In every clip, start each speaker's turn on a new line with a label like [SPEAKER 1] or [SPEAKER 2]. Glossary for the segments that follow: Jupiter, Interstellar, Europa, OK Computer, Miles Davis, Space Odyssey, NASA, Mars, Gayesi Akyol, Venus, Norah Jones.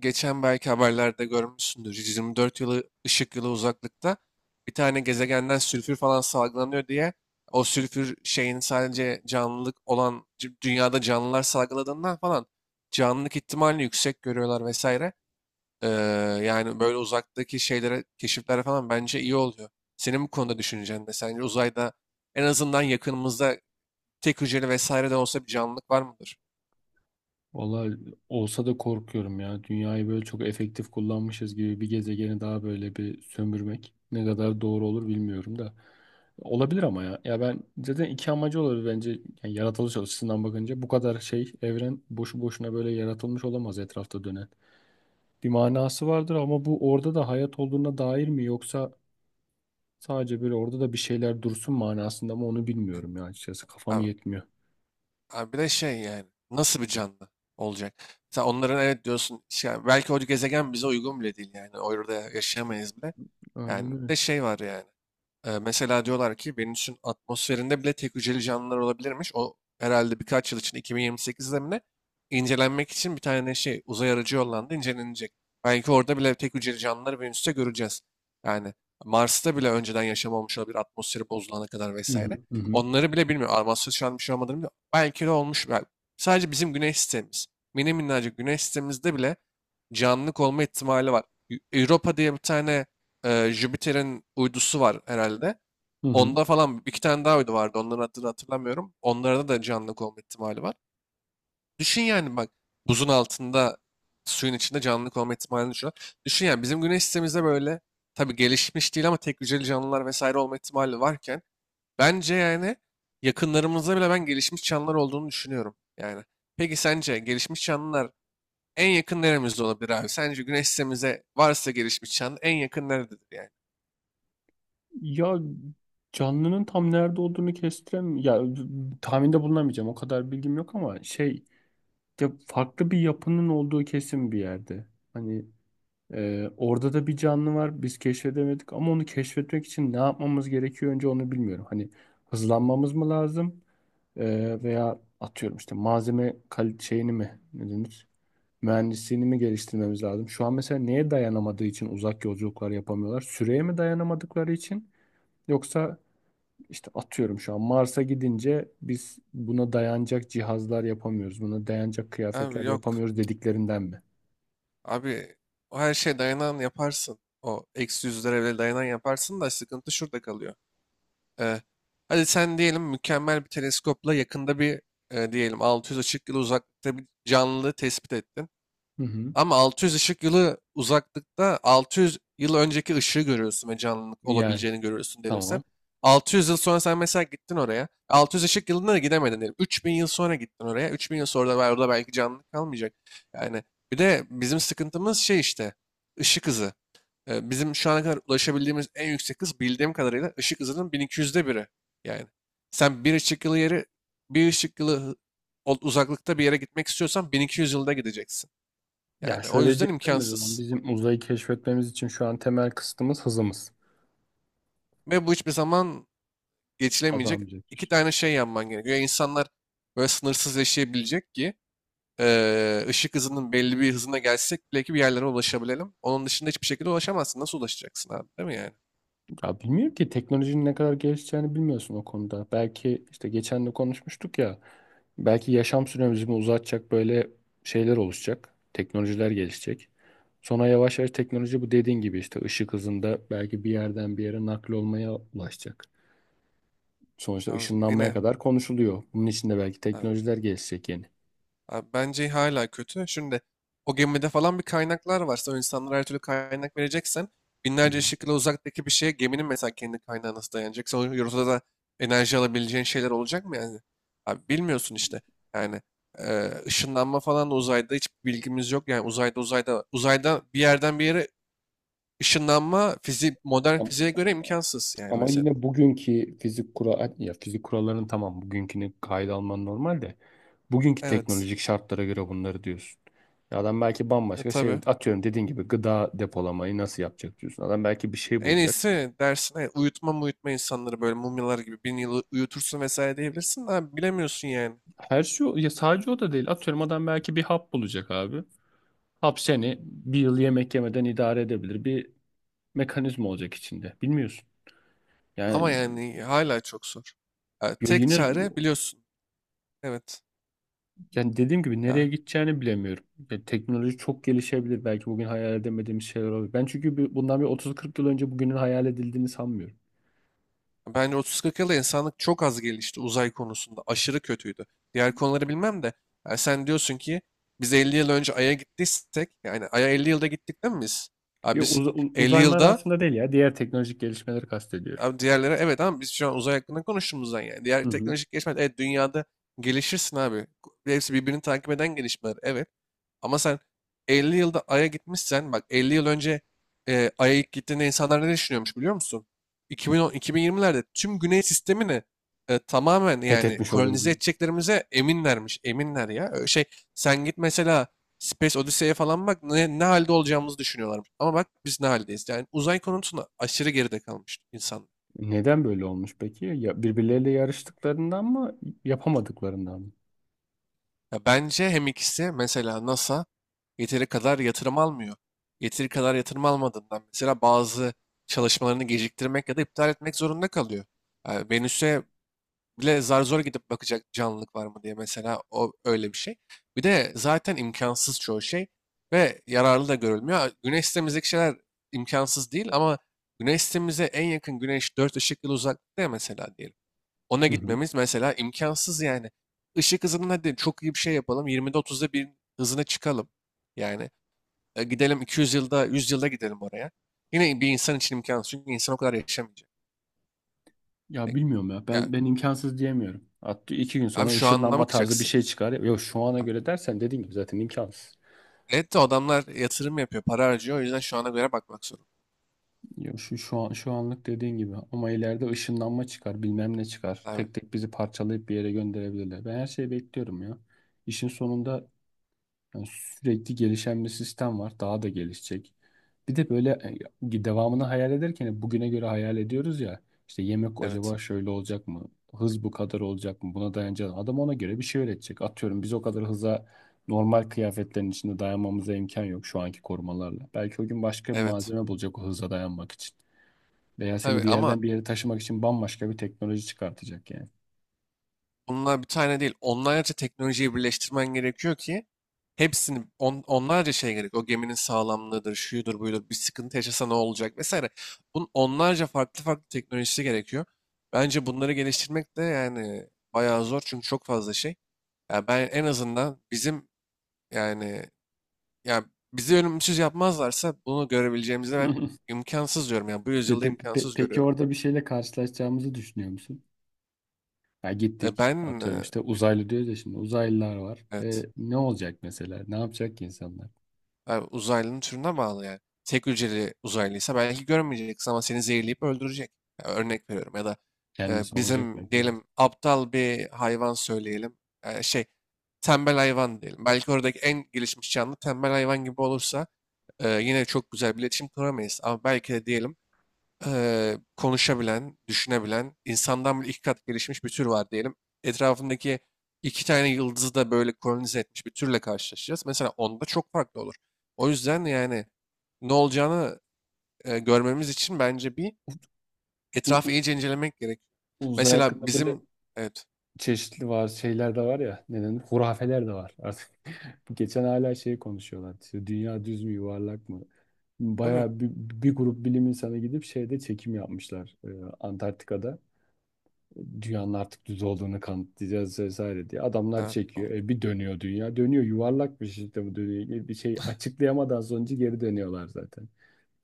[SPEAKER 1] Geçen belki haberlerde görmüşsündür. 124 yılı ışık yılı uzaklıkta bir tane gezegenden sülfür falan salgılanıyor diye o sülfür şeyin sadece canlılık olan dünyada canlılar salgıladığından falan canlılık ihtimalini yüksek görüyorlar vesaire. Ee, Yani böyle uzaktaki şeylere, keşiflere falan bence iyi oluyor. Senin bu konuda düşüncen de, sence uzayda en azından yakınımızda tek hücreli vesaire de olsa bir canlılık var mıdır?
[SPEAKER 2] Vallahi olsa da korkuyorum ya. Dünyayı böyle çok efektif kullanmışız, gibi bir gezegeni daha böyle bir sömürmek ne kadar doğru olur bilmiyorum da. Olabilir ama ya. Ya ben zaten iki amacı olabilir bence. Yani yaratılış açısından bakınca bu kadar şey evren boşu boşuna böyle yaratılmış olamaz etrafta dönen. Bir manası vardır ama bu orada da hayat olduğuna dair mi, yoksa sadece böyle orada da bir şeyler dursun manasında mı onu
[SPEAKER 1] Yani,
[SPEAKER 2] bilmiyorum ya, açıkçası. Kafam
[SPEAKER 1] abi,
[SPEAKER 2] yetmiyor.
[SPEAKER 1] Abi, bir de şey yani, nasıl bir canlı olacak? Sen onların evet diyorsun, şey, belki o gezegen bize uygun bile değil, yani orada yaşayamayız bile. Yani
[SPEAKER 2] Aynen
[SPEAKER 1] bir
[SPEAKER 2] öyle.
[SPEAKER 1] de şey var yani. Mesela diyorlar ki Venüs'ün atmosferinde bile tek hücreli canlılar olabilirmiş. O, herhalde birkaç yıl için 2028'de mi ne, incelenmek için bir tane şey, uzay aracı yollandı, incelenecek. Belki orada bile tek hücreli canlıları Venüs'te göreceğiz. Yani Mars'ta bile önceden yaşam olmuş olabilir, atmosferi bozulana kadar
[SPEAKER 2] Hı hı
[SPEAKER 1] vesaire.
[SPEAKER 2] hı hı.
[SPEAKER 1] Onları bile bilmiyor. Atmosfer şu an bir şey olmadığını bilmiyor. Belki de olmuş. Sadece bizim güneş sistemimiz. Mini minnacık güneş sistemimizde bile canlılık olma ihtimali var. Europa diye bir tane, Jüpiter'in uydusu var herhalde.
[SPEAKER 2] Hı hı.
[SPEAKER 1] Onda falan iki tane daha uydu vardı. Onların adını hatırlamıyorum. Onlarda da canlılık olma ihtimali var. Düşün yani, bak, buzun altında, suyun içinde canlılık olma ihtimalini düşün. Düşün yani, bizim güneş sistemimizde böyle, tabii gelişmiş değil ama tek hücreli canlılar vesaire olma ihtimali varken, bence yani yakınlarımızda bile ben gelişmiş canlılar olduğunu düşünüyorum yani. Peki sence gelişmiş canlılar en yakın neremizde olabilir abi? Sence güneş sistemimize varsa gelişmiş canlı en yakın nerededir yani?
[SPEAKER 2] Ya canlının tam nerede olduğunu kestirem ya tahminde bulunamayacağım, o kadar bilgim yok ama ya farklı bir yapının olduğu kesin bir yerde. Hani orada da bir canlı var, biz keşfedemedik ama onu keşfetmek için ne yapmamız gerekiyor, önce onu bilmiyorum. Hani hızlanmamız mı lazım? Veya atıyorum işte şeyini mi, ne denir? Mühendisliğini mi geliştirmemiz lazım? Şu an mesela neye dayanamadığı için uzak yolculuklar yapamıyorlar? Süreye mi dayanamadıkları için? Yoksa işte atıyorum şu an Mars'a gidince biz buna dayanacak cihazlar yapamıyoruz, buna dayanacak
[SPEAKER 1] Abi
[SPEAKER 2] kıyafetler
[SPEAKER 1] yok,
[SPEAKER 2] yapamıyoruz dediklerinden mi?
[SPEAKER 1] abi, o her şeye dayanan yaparsın. O eksi yüzlere bile dayanan yaparsın, da sıkıntı şurada kalıyor. Ee, hadi sen diyelim, mükemmel bir teleskopla yakında bir, diyelim 600 ışık yılı uzakta bir canlı tespit ettin.
[SPEAKER 2] Hı hı.
[SPEAKER 1] Ama 600 ışık yılı uzaklıkta 600 yıl önceki ışığı görüyorsun ve canlılık
[SPEAKER 2] Yani
[SPEAKER 1] olabileceğini görüyorsun diyelim sen.
[SPEAKER 2] tamam.
[SPEAKER 1] 600 yıl sonra sen mesela gittin oraya. 600 ışık yılına da gidemedin diyelim. 3000 yıl sonra gittin oraya. 3000 yıl sonra da orada belki canlılık kalmayacak. Yani bir de bizim sıkıntımız şey işte, ışık hızı. Bizim şu ana kadar ulaşabildiğimiz en yüksek hız, bildiğim kadarıyla ışık hızının 1200'de biri. Yani sen bir ışık yılı uzaklıkta bir yere gitmek istiyorsan 1200 yılda gideceksin.
[SPEAKER 2] Ya
[SPEAKER 1] Yani
[SPEAKER 2] şöyle
[SPEAKER 1] o yüzden
[SPEAKER 2] diyebilir miyiz o zaman,
[SPEAKER 1] imkansız.
[SPEAKER 2] bizim uzayı keşfetmemiz için şu an temel kısıtımız hızımız.
[SPEAKER 1] Ve bu hiçbir zaman geçilemeyecek.
[SPEAKER 2] Adam.
[SPEAKER 1] İki tane şey yapman gerekiyor. Ya, İnsanlar böyle sınırsız yaşayabilecek ki, ışık hızının belli bir hızına gelsek bile ki bir yerlere ulaşabilelim. Onun dışında hiçbir şekilde ulaşamazsın. Nasıl ulaşacaksın abi? Değil mi yani?
[SPEAKER 2] Ya bilmiyorum ki, teknolojinin ne kadar gelişeceğini bilmiyorsun o konuda. Belki işte geçen de konuşmuştuk ya. Belki yaşam süremizi mi uzatacak böyle şeyler oluşacak. Teknolojiler gelişecek. Sonra yavaş yavaş teknoloji bu dediğin gibi işte ışık hızında belki bir yerden bir yere nakli olmaya ulaşacak. Sonuçta
[SPEAKER 1] Abi
[SPEAKER 2] ışınlanmaya
[SPEAKER 1] yine
[SPEAKER 2] kadar konuşuluyor. Bunun için de belki
[SPEAKER 1] abi.
[SPEAKER 2] teknolojiler gelişecek yeni.
[SPEAKER 1] Abi bence hala kötü. Şimdi, o gemide falan bir kaynaklar varsa, o insanlara her türlü kaynak vereceksen,
[SPEAKER 2] Hı
[SPEAKER 1] binlerce
[SPEAKER 2] hı.
[SPEAKER 1] ışık yılı uzaktaki bir şeye geminin mesela kendi kaynağı nasıl dayanacak? Sonra ortada da enerji alabileceğin şeyler olacak mı yani? Abi bilmiyorsun işte. Yani ışınlanma falan da uzayda hiç bilgimiz yok. Yani uzayda uzayda uzayda bir yerden bir yere ışınlanma, fizik, modern
[SPEAKER 2] Ama
[SPEAKER 1] fiziğe göre imkansız yani
[SPEAKER 2] ama
[SPEAKER 1] mesela.
[SPEAKER 2] yine bugünkü fizik kurallarının, tamam, bugünkünü kayda alman normal de bugünkü
[SPEAKER 1] Evet.
[SPEAKER 2] teknolojik şartlara göre bunları diyorsun. Ya adam belki bambaşka şey
[SPEAKER 1] Tabii.
[SPEAKER 2] atıyorum dediğin gibi gıda depolamayı nasıl yapacak diyorsun. Adam belki bir şey
[SPEAKER 1] En
[SPEAKER 2] bulacak.
[SPEAKER 1] iyisi dersine, uyutma uyutma insanları böyle mumyalar gibi 1000 yıl uyutursun vesaire diyebilirsin. Abi bilemiyorsun yani.
[SPEAKER 2] Her şey ya sadece o da değil. Atıyorum adam belki bir hap bulacak abi. Hap seni bir yıl yemek yemeden idare edebilir. Bir mekanizma olacak içinde. Bilmiyorsun.
[SPEAKER 1] Ama
[SPEAKER 2] Yani
[SPEAKER 1] yani hala çok zor. Ya tek
[SPEAKER 2] yine
[SPEAKER 1] çare biliyorsun. Evet.
[SPEAKER 2] yani dediğim gibi nereye
[SPEAKER 1] Ya,
[SPEAKER 2] gideceğini bilemiyorum. Ya teknoloji çok gelişebilir. Belki bugün hayal edemediğimiz şeyler olabilir. Ben çünkü bundan bir 30-40 yıl önce bugünün hayal edildiğini sanmıyorum.
[SPEAKER 1] bence 30-40 yılda insanlık çok az gelişti uzay konusunda. Aşırı kötüydü. Diğer konuları bilmem de. Ya sen diyorsun ki biz 50 yıl önce Ay'a gittiysek, yani Ay'a 50 yılda gittik değil mi biz? Abi
[SPEAKER 2] Yo,
[SPEAKER 1] biz 50
[SPEAKER 2] uzay
[SPEAKER 1] yılda.
[SPEAKER 2] manasında değil ya. Diğer teknolojik gelişmeleri kastediyorum.
[SPEAKER 1] Abi, diğerleri evet, ama biz şu an uzay hakkında konuştuğumuzdan yani. Diğer
[SPEAKER 2] Hı hı.
[SPEAKER 1] teknolojik gelişmeler, evet, dünyada gelişirsin abi. Hepsi birbirini takip eden gelişmeler, evet. Ama sen 50 yılda Ay'a gitmişsen, bak 50 yıl önce, Ay'a ilk gittiğinde insanlar ne düşünüyormuş biliyor musun? 2010, 2020'lerde tüm güney sistemini tamamen yani
[SPEAKER 2] Fethetmiş
[SPEAKER 1] kolonize
[SPEAKER 2] olurdu.
[SPEAKER 1] edeceklerimize eminlermiş. Eminler ya. Şey, sen git mesela Space Odyssey'e falan bak, ne halde olacağımızı düşünüyorlarmış. Ama bak biz ne haldeyiz. Yani uzay konusunda aşırı geride kalmış insan.
[SPEAKER 2] Neden böyle olmuş peki? Ya birbirleriyle yarıştıklarından mı, yapamadıklarından mı?
[SPEAKER 1] Ya bence hem ikisi, mesela NASA yeteri kadar yatırım almıyor. Yeteri kadar yatırım almadığından mesela bazı çalışmalarını geciktirmek ya da iptal etmek zorunda kalıyor. Yani Venüs'e bile zar zor gidip bakacak canlılık var mı diye, mesela o öyle bir şey. Bir de zaten imkansız çoğu şey ve yararlı da görülmüyor. Ha, Güneş sistemimizdeki şeyler imkansız değil, ama Güneş sistemimize en yakın Güneş 4 ışık yılı uzaklıkta ya mesela, diyelim. Ona
[SPEAKER 2] Hı hı.
[SPEAKER 1] gitmemiz mesela imkansız yani. Işık hızının, hadi çok iyi bir şey yapalım, 20'de 30'da bir hızına çıkalım. Yani gidelim, 200 yılda, 100 yılda gidelim oraya. Yine bir insan için imkansız. Çünkü insan o kadar yaşamayacak. E,
[SPEAKER 2] Ya bilmiyorum ya.
[SPEAKER 1] Ya,
[SPEAKER 2] Ben imkansız diyemiyorum. Hatta iki gün
[SPEAKER 1] abi,
[SPEAKER 2] sonra
[SPEAKER 1] şu anına
[SPEAKER 2] ışınlanma tarzı bir
[SPEAKER 1] bakacaksın.
[SPEAKER 2] şey çıkar. Yok, şu ana
[SPEAKER 1] Ya,
[SPEAKER 2] göre dersen dediğin gibi zaten imkansız.
[SPEAKER 1] evet de adamlar yatırım yapıyor, para harcıyor. O yüzden şu ana göre bakmak zorunda.
[SPEAKER 2] Ya şu anlık dediğin gibi, ama ileride ışınlanma çıkar, bilmem ne çıkar.
[SPEAKER 1] Abi
[SPEAKER 2] Tek tek bizi parçalayıp bir yere gönderebilirler. Ben her şeyi bekliyorum ya. İşin sonunda, yani sürekli gelişen bir sistem var. Daha da gelişecek. Bir de böyle devamını hayal ederken bugüne göre hayal ediyoruz ya. İşte yemek
[SPEAKER 1] evet.
[SPEAKER 2] acaba şöyle olacak mı? Hız bu kadar olacak mı? Buna dayanacak. Adam ona göre bir şey öğretecek. Atıyorum biz o kadar hıza normal kıyafetlerin içinde dayanmamıza imkan yok şu anki korumalarla. Belki o gün başka bir
[SPEAKER 1] Evet.
[SPEAKER 2] malzeme bulacak o hıza dayanmak için. Veya seni
[SPEAKER 1] Tabii
[SPEAKER 2] bir
[SPEAKER 1] ama
[SPEAKER 2] yerden bir yere taşımak için bambaşka bir teknoloji çıkartacak yani.
[SPEAKER 1] bunlar bir tane değil. Onlarca teknolojiyi birleştirmen gerekiyor ki. Hepsini onlarca şey gerek. O geminin sağlamlığıdır, şuyudur, buyudur. Bir sıkıntı yaşasa ne olacak vesaire. Bunun onlarca farklı farklı teknolojisi gerekiyor. Bence bunları geliştirmek de yani bayağı zor, çünkü çok fazla şey. Ya ben en azından bizim yani, ya bizi ölümsüz yapmazlarsa bunu görebileceğimizi ben imkansız diyorum. Yani bu yüzyılda imkansız
[SPEAKER 2] Peki
[SPEAKER 1] görüyorum.
[SPEAKER 2] orada bir şeyle karşılaşacağımızı düşünüyor musun? Ya
[SPEAKER 1] E
[SPEAKER 2] gittik
[SPEAKER 1] ben e,
[SPEAKER 2] atıyorum işte uzaylı diyoruz ya, şimdi uzaylılar var
[SPEAKER 1] evet.
[SPEAKER 2] ve ne olacak mesela? Ne yapacak ki insanlar?
[SPEAKER 1] Abi uzaylının türüne bağlı yani. Tek hücreli uzaylıysa belki görmeyeceksin, ama seni zehirleyip öldürecek. Ya örnek veriyorum, ya da
[SPEAKER 2] Kendini savunacak
[SPEAKER 1] bizim
[SPEAKER 2] belki de.
[SPEAKER 1] diyelim aptal bir hayvan söyleyelim. Şey, tembel hayvan diyelim. Belki oradaki en gelişmiş canlı tembel hayvan gibi olursa yine çok güzel bir iletişim kuramayız. Ama belki de diyelim konuşabilen, düşünebilen, insandan bile iki kat gelişmiş bir tür var diyelim. Etrafındaki iki tane yıldızı da böyle kolonize etmiş bir türle karşılaşacağız. Mesela onda çok farklı olur. O yüzden yani ne olacağını, görmemiz için bence bir
[SPEAKER 2] Bu
[SPEAKER 1] etrafı
[SPEAKER 2] bu
[SPEAKER 1] iyice incelemek gerek.
[SPEAKER 2] uzay
[SPEAKER 1] Mesela
[SPEAKER 2] hakkında böyle
[SPEAKER 1] bizim, evet,
[SPEAKER 2] çeşitli var şeyler de var ya, neden hurafeler de var artık. Geçen hala şey konuşuyorlar. İşte dünya düz mü, yuvarlak mı?
[SPEAKER 1] tabii,
[SPEAKER 2] Bayağı bir, bir grup bilim insanı gidip şeyde çekim yapmışlar, Antarktika'da. Dünyanın artık düz olduğunu kanıtlayacağız vesaire diye. Adamlar
[SPEAKER 1] ha,
[SPEAKER 2] çekiyor.
[SPEAKER 1] vallahi
[SPEAKER 2] E, bir dönüyor dünya. Dönüyor, yuvarlak bir şekilde bu dönüyor. Bir şey açıklayamadan sonucu geri dönüyorlar zaten.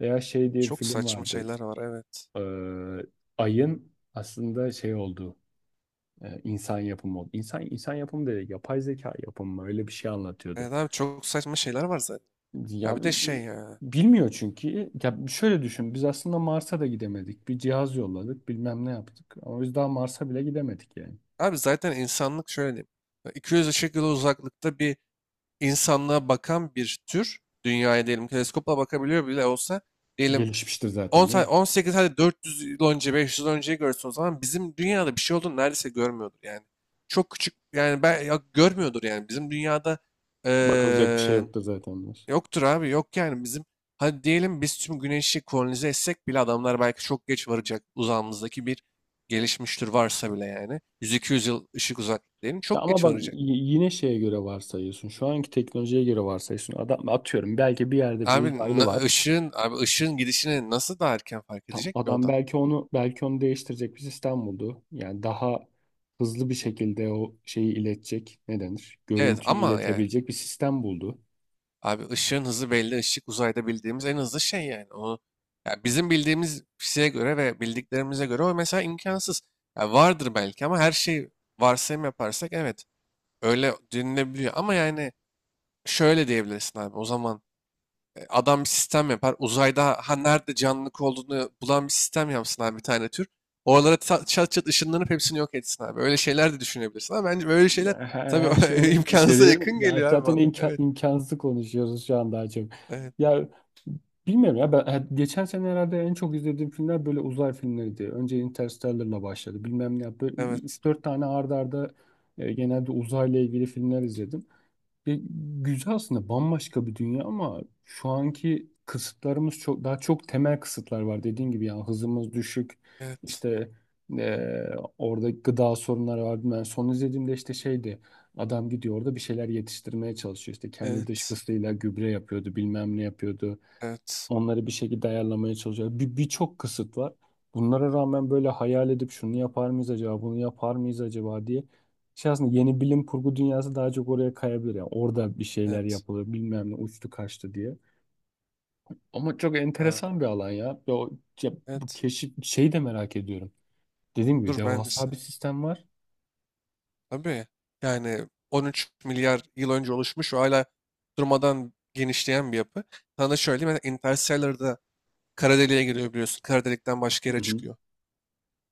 [SPEAKER 2] Veya şey diye bir
[SPEAKER 1] çok
[SPEAKER 2] film
[SPEAKER 1] saçma
[SPEAKER 2] vardı.
[SPEAKER 1] şeyler var, evet.
[SPEAKER 2] Ee, Ayın aslında şey oldu. E, insan yapımı oldu. İnsan, insan yapımı değil, yapay zeka yapımı mı? Öyle bir şey anlatıyordu.
[SPEAKER 1] Evet abi, çok saçma şeyler var zaten.
[SPEAKER 2] Ya
[SPEAKER 1] Ya bir de şey
[SPEAKER 2] e,
[SPEAKER 1] ya.
[SPEAKER 2] bilmiyor çünkü. Ya şöyle düşün. Biz aslında Mars'a da gidemedik. Bir cihaz yolladık, bilmem ne yaptık. Ama biz daha Mars'a bile gidemedik yani.
[SPEAKER 1] Abi zaten insanlık şöyle diyeyim. 200 ışık yılı uzaklıkta bir insanlığa bakan bir tür, dünyaya diyelim teleskopla bakabiliyor bile olsa, diyelim
[SPEAKER 2] Gelişmiştir
[SPEAKER 1] 10
[SPEAKER 2] zaten değil mi?
[SPEAKER 1] 18, hadi 400 yıl önce, 500 yıl önceyi görsün, o zaman bizim dünyada bir şey olduğunu neredeyse görmüyordur yani. Çok küçük yani, ben ya görmüyordur yani bizim dünyada,
[SPEAKER 2] Bakılacak bir şey
[SPEAKER 1] eee,
[SPEAKER 2] yoktur zaten diyor.
[SPEAKER 1] yoktur abi, yok yani bizim, hadi diyelim biz tüm güneşi kolonize etsek bile, adamlar belki çok geç varacak, uzağımızdaki bir gelişmiş tür varsa bile, yani 100-200 yıl ışık uzak diyelim,
[SPEAKER 2] Ya
[SPEAKER 1] çok
[SPEAKER 2] ama
[SPEAKER 1] geç
[SPEAKER 2] bak
[SPEAKER 1] varacak.
[SPEAKER 2] yine şeye göre varsayıyorsun. Şu anki teknolojiye göre varsayıyorsun. Adam atıyorum belki bir yerde bir
[SPEAKER 1] Abi
[SPEAKER 2] uzaylı var.
[SPEAKER 1] ışığın, abi, ışığın gidişini nasıl daha erken fark
[SPEAKER 2] Tam
[SPEAKER 1] edecek ki o
[SPEAKER 2] adam
[SPEAKER 1] adam?
[SPEAKER 2] belki onu değiştirecek bir sistem buldu. Yani daha hızlı bir şekilde o şeyi iletecek. Ne denir?
[SPEAKER 1] Evet,
[SPEAKER 2] Görüntüyü
[SPEAKER 1] ama yani
[SPEAKER 2] iletebilecek bir sistem buldu.
[SPEAKER 1] abi ışığın hızı belli. Işık uzayda bildiğimiz en hızlı şey yani. O, ya bizim bildiğimiz fiziğe göre ve bildiklerimize göre o mesela imkansız. Ya vardır belki, ama her şey, varsayım yaparsak evet öyle denilebiliyor. Ama yani şöyle diyebilirsin abi o zaman, adam bir sistem yapar. Uzayda, ha nerede canlılık olduğunu bulan bir sistem yapsın abi, bir tane tür. Oralara çat çat ışınlanıp hepsini yok etsin abi. Öyle şeyler de düşünebilirsin, ama bence böyle şeyler
[SPEAKER 2] Ya her şey
[SPEAKER 1] tabii
[SPEAKER 2] olabilir işte
[SPEAKER 1] imkansıza
[SPEAKER 2] diyorum.
[SPEAKER 1] yakın
[SPEAKER 2] Ya
[SPEAKER 1] geliyor abi
[SPEAKER 2] zaten
[SPEAKER 1] bana. Evet.
[SPEAKER 2] imkansız konuşuyoruz şu an daha çok.
[SPEAKER 1] Evet.
[SPEAKER 2] Ya bilmiyorum ya, ben ha, geçen sene herhalde en çok izlediğim filmler böyle uzay filmleriydi. Önce Interstellar'la başladı. Bilmem ne böyle
[SPEAKER 1] Evet.
[SPEAKER 2] üç dört tane arda arda genelde uzayla ilgili filmler izledim. Ve güzel aslında, bambaşka bir dünya, ama şu anki kısıtlarımız çok temel kısıtlar var dediğin gibi. Yani hızımız düşük,
[SPEAKER 1] Evet.
[SPEAKER 2] işte orada gıda sorunları var. Ben son izlediğimde işte şeydi, adam gidiyor orada bir şeyler yetiştirmeye çalışıyor, işte kendi
[SPEAKER 1] Evet.
[SPEAKER 2] dışkısıyla gübre yapıyordu, bilmem ne yapıyordu.
[SPEAKER 1] Evet.
[SPEAKER 2] Onları bir şekilde ayarlamaya çalışıyor. Birçok kısıt var. Bunlara rağmen böyle hayal edip şunu yapar mıyız acaba, bunu yapar mıyız acaba diye. Şey aslında yeni bilim kurgu dünyası daha çok oraya kayabilir. Yani orada bir şeyler
[SPEAKER 1] Evet.
[SPEAKER 2] yapılır, bilmem ne uçtu kaçtı diye. Ama çok
[SPEAKER 1] Aa,
[SPEAKER 2] enteresan bir alan ya. Ve o, ya bu
[SPEAKER 1] evet.
[SPEAKER 2] keşif şeyi de merak ediyorum. Dediğim gibi
[SPEAKER 1] Dur ben de
[SPEAKER 2] devasa
[SPEAKER 1] sen.
[SPEAKER 2] bir sistem var.
[SPEAKER 1] Tabii. Yani 13 milyar yıl önce oluşmuş ve hala durmadan genişleyen bir yapı. Sana da şöyle diyeyim. Mesela Interstellar'da kara deliğe giriyor biliyorsun. Kara delikten başka yere
[SPEAKER 2] Hı hı.
[SPEAKER 1] çıkıyor.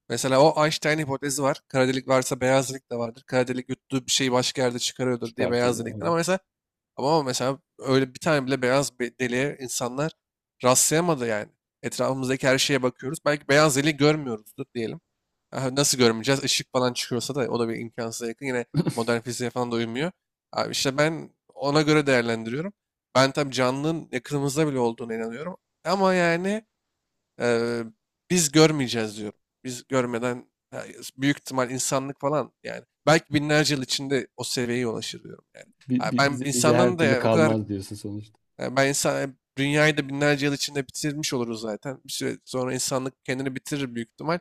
[SPEAKER 1] Mesela o Einstein hipotezi var. Kara delik varsa beyaz delik de vardır. Kara delik yuttuğu bir şeyi başka yerde çıkarıyordur, diye,
[SPEAKER 2] Çıkartıyor da,
[SPEAKER 1] beyaz delikten.
[SPEAKER 2] aynen.
[SPEAKER 1] Ama mesela öyle bir tane bile beyaz bir deliğe insanlar rastlayamadı yani. Etrafımızdaki her şeye bakıyoruz. Belki beyaz deliği görmüyoruzdur diyelim. Aha, nasıl görmeyeceğiz? Işık falan çıkıyorsa da o da bir imkansıza yakın. Yine modern fiziğe falan da uymuyor. Abi işte ben ona göre değerlendiriyorum. Ben tabii canlının yakınımızda bile olduğuna inanıyorum. Ama yani, Eee, biz görmeyeceğiz diyorum. Biz görmeden ha, büyük ihtimal insanlık falan yani. Belki binlerce yıl içinde o seviyeye ulaşır diyorum yani. Ha, ben
[SPEAKER 2] Bize her
[SPEAKER 1] insanlığın da
[SPEAKER 2] türlü
[SPEAKER 1] yani o kadar,
[SPEAKER 2] kalmaz diyorsun sonuçta.
[SPEAKER 1] yani ben insan, dünyayı da binlerce yıl içinde bitirmiş oluruz zaten. Bir süre sonra insanlık kendini bitirir büyük ihtimal.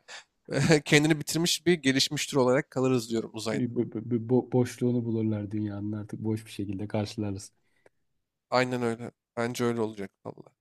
[SPEAKER 1] Kendini bitirmiş bir gelişmiş tür olarak kalırız diyorum uzayda.
[SPEAKER 2] Boşluğunu bulurlar, dünyanın artık boş bir şekilde karşılarız.
[SPEAKER 1] Aynen öyle. Bence öyle olacak. Vallahi.